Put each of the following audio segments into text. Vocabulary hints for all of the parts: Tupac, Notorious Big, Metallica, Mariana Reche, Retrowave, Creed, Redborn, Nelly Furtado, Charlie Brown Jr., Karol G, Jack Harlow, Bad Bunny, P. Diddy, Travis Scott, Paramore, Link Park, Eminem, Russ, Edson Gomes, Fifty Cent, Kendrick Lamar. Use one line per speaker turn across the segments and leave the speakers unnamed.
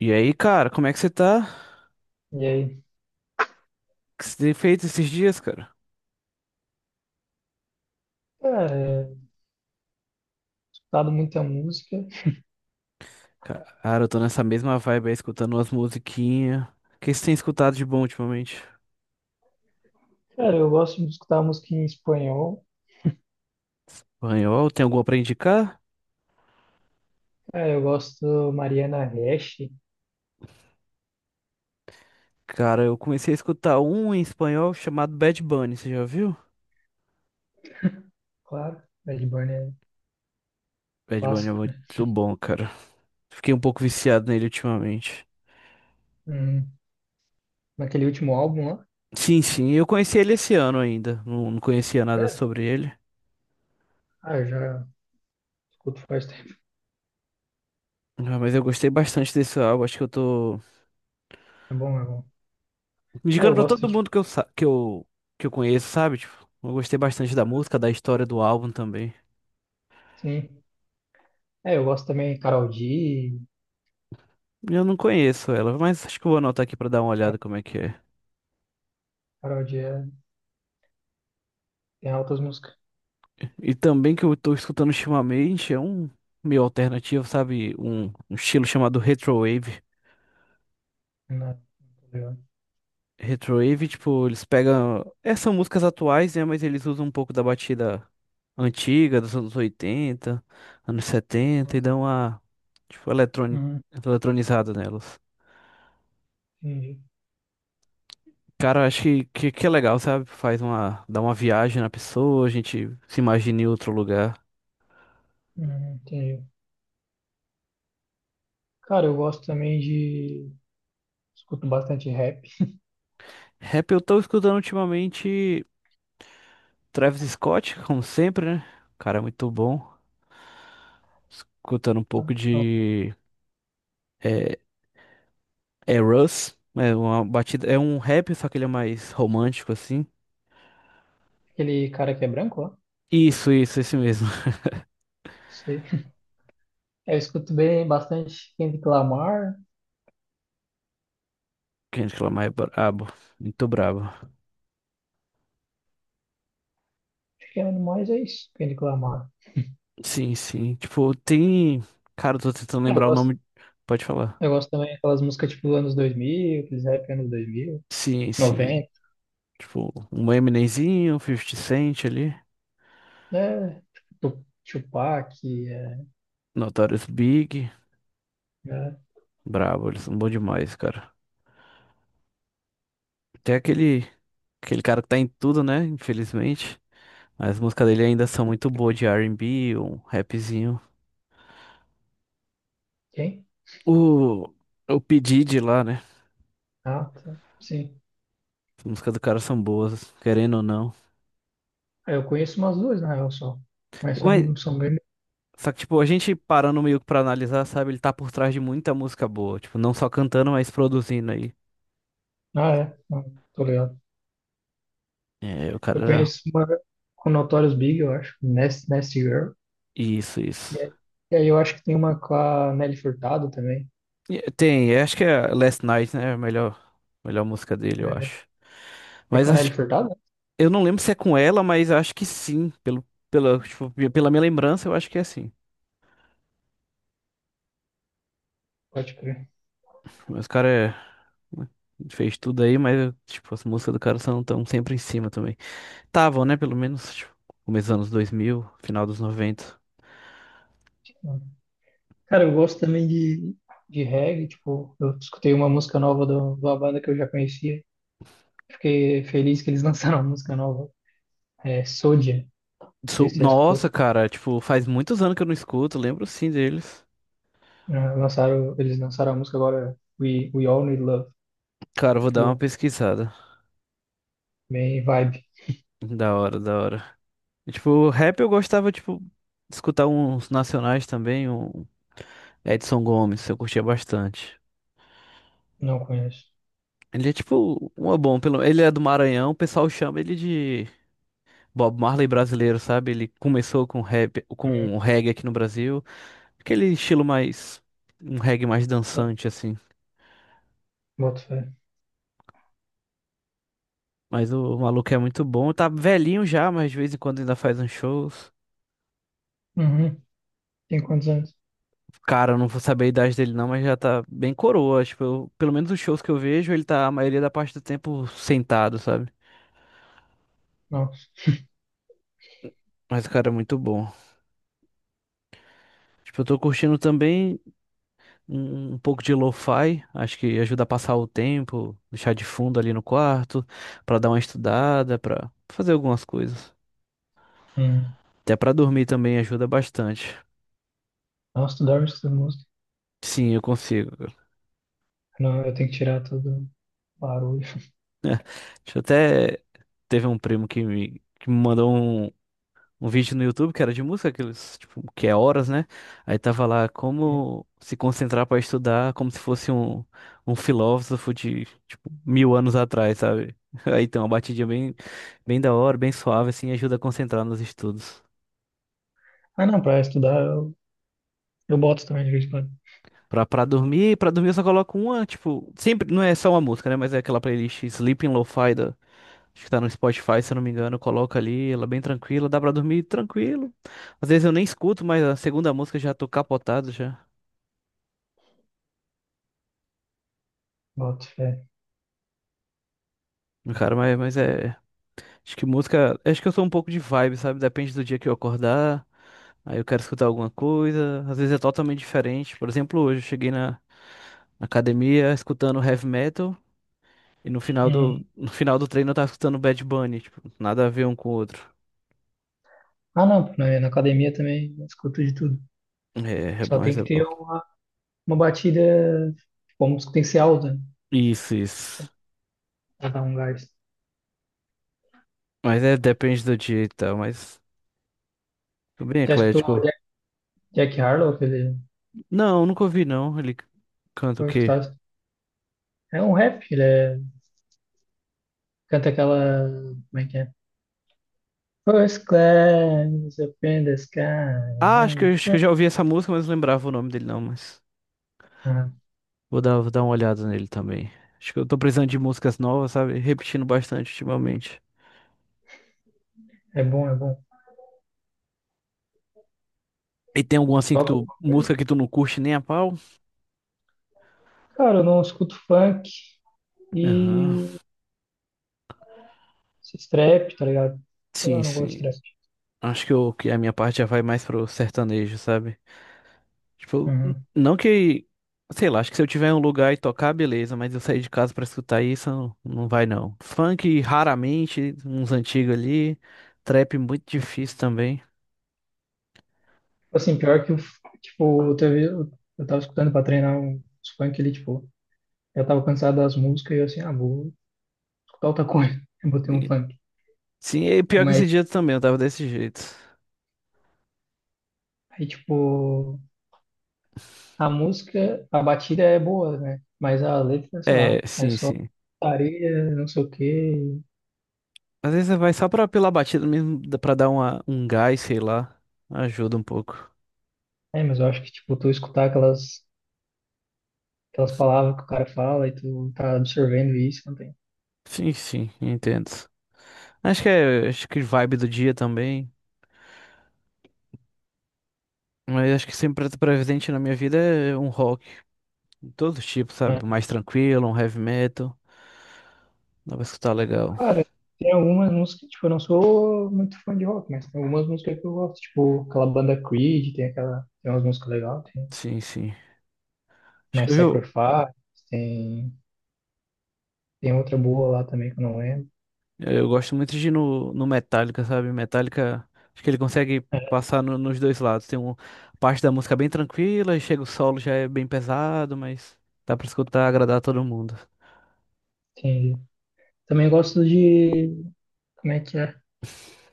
E aí, cara, como é que você tá?
E aí,
O que você tem feito esses dias, cara?
cara, é, escutado muita música.
Cara, eu tô nessa mesma vibe aí, escutando umas musiquinhas. O que você tem escutado de bom ultimamente?
Cara, eu gosto de escutar música em espanhol.
Espanhol, tem alguma pra indicar?
Cara, eu gosto Mariana Reche,
Cara, eu comecei a escutar um em espanhol chamado Bad Bunny, você já viu?
claro. Redborn é
Bad Bunny é
clássico, né?
muito bom, cara. Fiquei um pouco viciado nele ultimamente.
Hum, naquele último álbum lá.
Sim, sim, eu conheci ele esse ano ainda. Não, não conhecia nada
Sério?
sobre ele.
Ah, eu já escuto faz tempo.
Ah, mas eu gostei bastante desse álbum, acho que eu tô
É bom, é bom. É,
indicando
eu
pra
gosto
todo
de...
mundo que eu, que eu conheço, sabe? Tipo, eu gostei bastante da música, da história do álbum também.
Sim. É, eu gosto também de Karol G.
Eu não conheço ela, mas acho que eu vou anotar aqui pra dar uma olhada como é que é.
Karol G é- tem altas músicas.
E também que eu tô escutando ultimamente é um meio alternativo, sabe? Um estilo chamado Retrowave.
Né? Muito legal.
Retrowave, tipo, eles pegam. Essas são músicas atuais, né? Mas eles usam um pouco da batida antiga, dos anos 80 anos 70 e dão uma, tipo,
Uhum,
eletronizada nelas.
entendi.
Cara, eu acho que é legal, sabe? Faz uma, dá uma viagem na pessoa, a gente se imagina em outro lugar.
Uhum, entendi. Cara, eu gosto também de... Escuto bastante rap.
Rap, eu tô escutando ultimamente Travis Scott, como sempre, né? O cara é muito bom. Escutando um pouco
Ah,
de é, é Russ, é uma batida, é um rap, só que ele é mais romântico assim.
aquele cara que é branco, ó.
Isso, esse mesmo.
Sei. Eu escuto bem bastante Kendrick Lamar.
Kendrick Lamar é brabo, muito brabo.
Acho que é mais é isso, Kendrick Lamar.
Sim, sim. Tipo, tem, cara, eu tô tentando
Eu
lembrar o
gosto,
nome. Pode falar.
eu gosto também daquelas músicas tipo anos 2000, aqueles rap anos 2000,
Sim, sim.
90.
Tipo, um Eminemzinho, Fifty Cent ali,
É, tipo Tupac, é,
Notorious Big.
é,
Brabo, eles são bons demais, cara. Tem aquele, aquele cara que tá em tudo, né? Infelizmente. Mas as músicas dele ainda são muito boas de R&B, um rapzinho.
quem?
O, o P. Diddy lá, né?
Ah, tá. Sim.
As músicas do cara são boas, querendo ou não.
Ah, eu conheço umas duas, na real, só. Mas
Mas,
são, são bem...
só que, tipo, a gente parando meio que pra analisar, sabe? Ele tá por trás de muita música boa. Tipo, não só cantando, mas produzindo aí.
Ah, é. Não, tô ligado.
É, o cara
Eu
era...
conheço uma com Notorious Big, eu acho. Nasty, Nasty Girl.
Isso,
E
isso.
aí e aí eu acho que tem uma com a Nelly Furtado também.
E- tem, acho que é Last Night, né? É a melhor, melhor música dele, eu
É,
acho.
é
Mas
com a Nelly
acho,
Furtado?
eu não lembro se é com ela, mas acho que sim. Pelo, pela, tipo, pela minha lembrança, eu acho que é assim.
Pode crer.
Mas o cara é- né, fez tudo aí, mas tipo, as músicas do cara são tão sempre em cima também. Estavam, né? Pelo menos, tipo, começo dos anos 2000, final dos 90.
Cara, eu gosto também de reggae, tipo, eu escutei uma música nova de uma banda que eu já conhecia. Fiquei feliz que eles lançaram uma música nova. É Soldier, não sei
Su-
se você já escutou.
nossa, cara, tipo, faz muitos anos que eu não escuto, lembro sim deles.
Ah, lançaram, eles lançaram a música agora, We All Need Love.
Cara, eu vou
Muito
dar uma
boa.
pesquisada.
Bem vibe.
Da hora, da hora. E, tipo, rap eu gostava, tipo, de escutar uns nacionais também, um Edson Gomes, eu curtia bastante.
Não conheço.
Ele é tipo uma bom, pelo ele é do Maranhão, o pessoal chama ele de Bob Marley brasileiro, sabe? Ele começou com rap,
Hum.
com o reggae aqui no Brasil, aquele estilo mais um reggae mais dançante assim.
Boto fé.
Mas o maluco é muito bom, tá velhinho já, mas de vez em quando ainda faz uns shows.
Uhum. Tem quantos anos?
Cara, eu não vou saber a idade dele não, mas já tá bem coroa. Tipo, eu- pelo menos os shows que eu vejo, ele tá a maioria da parte do tempo sentado, sabe?
Nossa.
Mas o cara é muito bom. Tipo, eu tô curtindo também um pouco de lo-fi. Acho que ajuda a passar o tempo, deixar de fundo ali no quarto, pra dar uma estudada, pra fazer algumas coisas.
Hum.
Até pra dormir também ajuda bastante.
Nossa, tu dorme escutando música.
Sim, eu consigo.
Não, eu tenho que tirar todo o barulho.
Deixa eu até. Teve um primo que me mandou um. Um vídeo no YouTube que era de música, aqueles, tipo, que é horas, né? Aí tava lá como se concentrar para estudar, como se fosse um, um filósofo de, tipo, mil anos atrás, sabe? Aí tem uma batidinha bem, bem da hora, bem suave, assim, ajuda a concentrar nos estudos.
Ah, não, pra estudar eu boto também de vez em quando.
Pra dormir eu só coloco uma, tipo, sempre, não é só uma música, né? Mas é aquela playlist Sleeping Lo-Fi da, acho que tá no Spotify, se eu não me engano, coloca ali, ela é bem tranquila, dá pra dormir tranquilo. Às vezes eu nem escuto, mas a segunda música eu já tô capotado já.
Boto fé.
Cara, mas é. Acho que música. Acho que eu sou um pouco de vibe, sabe? Depende do dia que eu acordar. Aí eu quero escutar alguma coisa. Às vezes é totalmente diferente. Por exemplo, hoje eu cheguei na academia escutando heavy metal. E no
Hum.
no final do treino eu tava escutando Bad Bunny. Tipo, nada a ver um com o outro.
Ah, não, na academia também eu escuto de tudo.
É, é
Só
bom, mas
tem
é
que ter
bom.
uma batida, tipo, a música tem que ser alta, né,
Isso, isso.
pra dar um gás.
Mas é, depende do dia e tal. Mas tô bem
Já escutou o
eclético.
Jack Harlow, que ele
Não, nunca ouvi não. Ele canta o
foi
quê?
escutado. É um rap, ele é, canta aquela. Como é que é? First class, up in the sky.
Ah, acho que eu já ouvi essa música, mas não lembrava o nome dele não, mas.
Ah,
Vou dar uma olhada nele também. Acho que eu tô precisando de músicas novas, sabe? Repetindo bastante ultimamente.
é bom, é bom.
E tem alguma assim que
Toca
tu,
alguma coisa?
música que tu não curte nem a pau?
Cara, eu não escuto funk.
Aham.
E esse trap, tá ligado?
Sim,
Eu não gosto de
sim.
trap.
Acho que, eu, que a minha parte já vai mais pro sertanejo, sabe? Tipo, n-
Uhum.
não que, sei lá, acho que se eu tiver em um lugar e tocar, beleza, mas eu sair de casa pra escutar isso, não, não vai não. Funk, raramente, uns antigos ali. Trap, muito difícil também.
Assim, pior que, tipo, teve, eu tava escutando pra treinar uns funk ali, tipo, eu tava cansado das músicas e eu assim, ah, vou escutar outra coisa. Eu botei um
E-
funk.
sim, e pior que
Mas
esse dia também, eu tava desse jeito.
aí, tipo, a música, a batida é boa, né? Mas a letra, sei lá,
É,
é
sim,
só
sim.
areia, não sei o quê.
Às vezes você vai só pra, pela batida mesmo, dá pra dar uma, um gás, sei lá. Ajuda um pouco.
É, mas eu acho que, tipo, tu escutar aquelas palavras que o cara fala e tu tá absorvendo isso, não tem.
Sim, sim, entendo. Acho que é, acho que vibe do dia também. Mas acho que sempre tá presente na minha vida é um rock. De todo tipo, sabe? Mais tranquilo, um heavy metal. Dá pra escutar legal.
Cara, tem algumas músicas, tipo, eu não sou muito fã de rock, mas tem algumas músicas que eu gosto, tipo, aquela banda Creed, tem aquela, tem umas músicas legais, tem
Sim, sim. Acho
My
que eu,
Sacrifice, tem, tem outra boa lá também que eu não lembro.
eu gosto muito de ir no, no Metallica, sabe? Metallica, acho que ele consegue passar nos dois lados. Tem uma parte da música bem tranquila e chega o solo já é bem pesado, mas dá pra escutar, agradar todo mundo.
Entendi. Também gosto de, como é que é?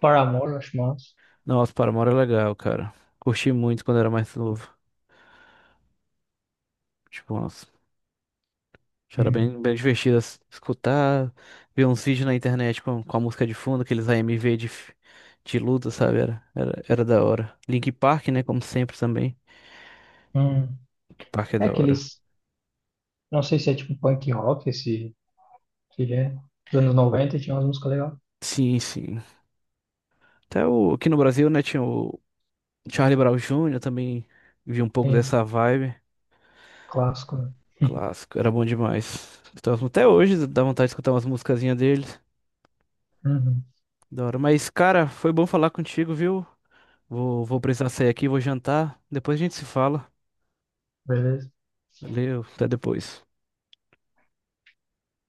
Paramore, eu acho massa.
Nossa, Paramore é legal, cara. Curti muito quando era mais novo. Tipo, nossa, já era
Hum,
bem, bem divertido escutar, ver uns vídeos na internet com a música de fundo, aqueles AMV de, de luta, sabe? Era da hora. Link Park, né? Como sempre também.
hum.
Link Park é
É
da hora.
aqueles, não sei se é tipo punk rock, esse que é, dos anos 90 tinha umas músicas legais.
Sim, sim. Até o, aqui no Brasil, né, tinha o Charlie Brown Jr., também vi um pouco
Tem,
dessa vibe.
clássico, né?
Clássico, era bom demais. Então, até hoje dá vontade de escutar umas musicazinhas deles.
Uhum,
Da hora. Mas, cara, foi bom falar contigo, viu? Vou precisar sair aqui, vou jantar. Depois a gente se fala.
beleza.
Valeu, até depois.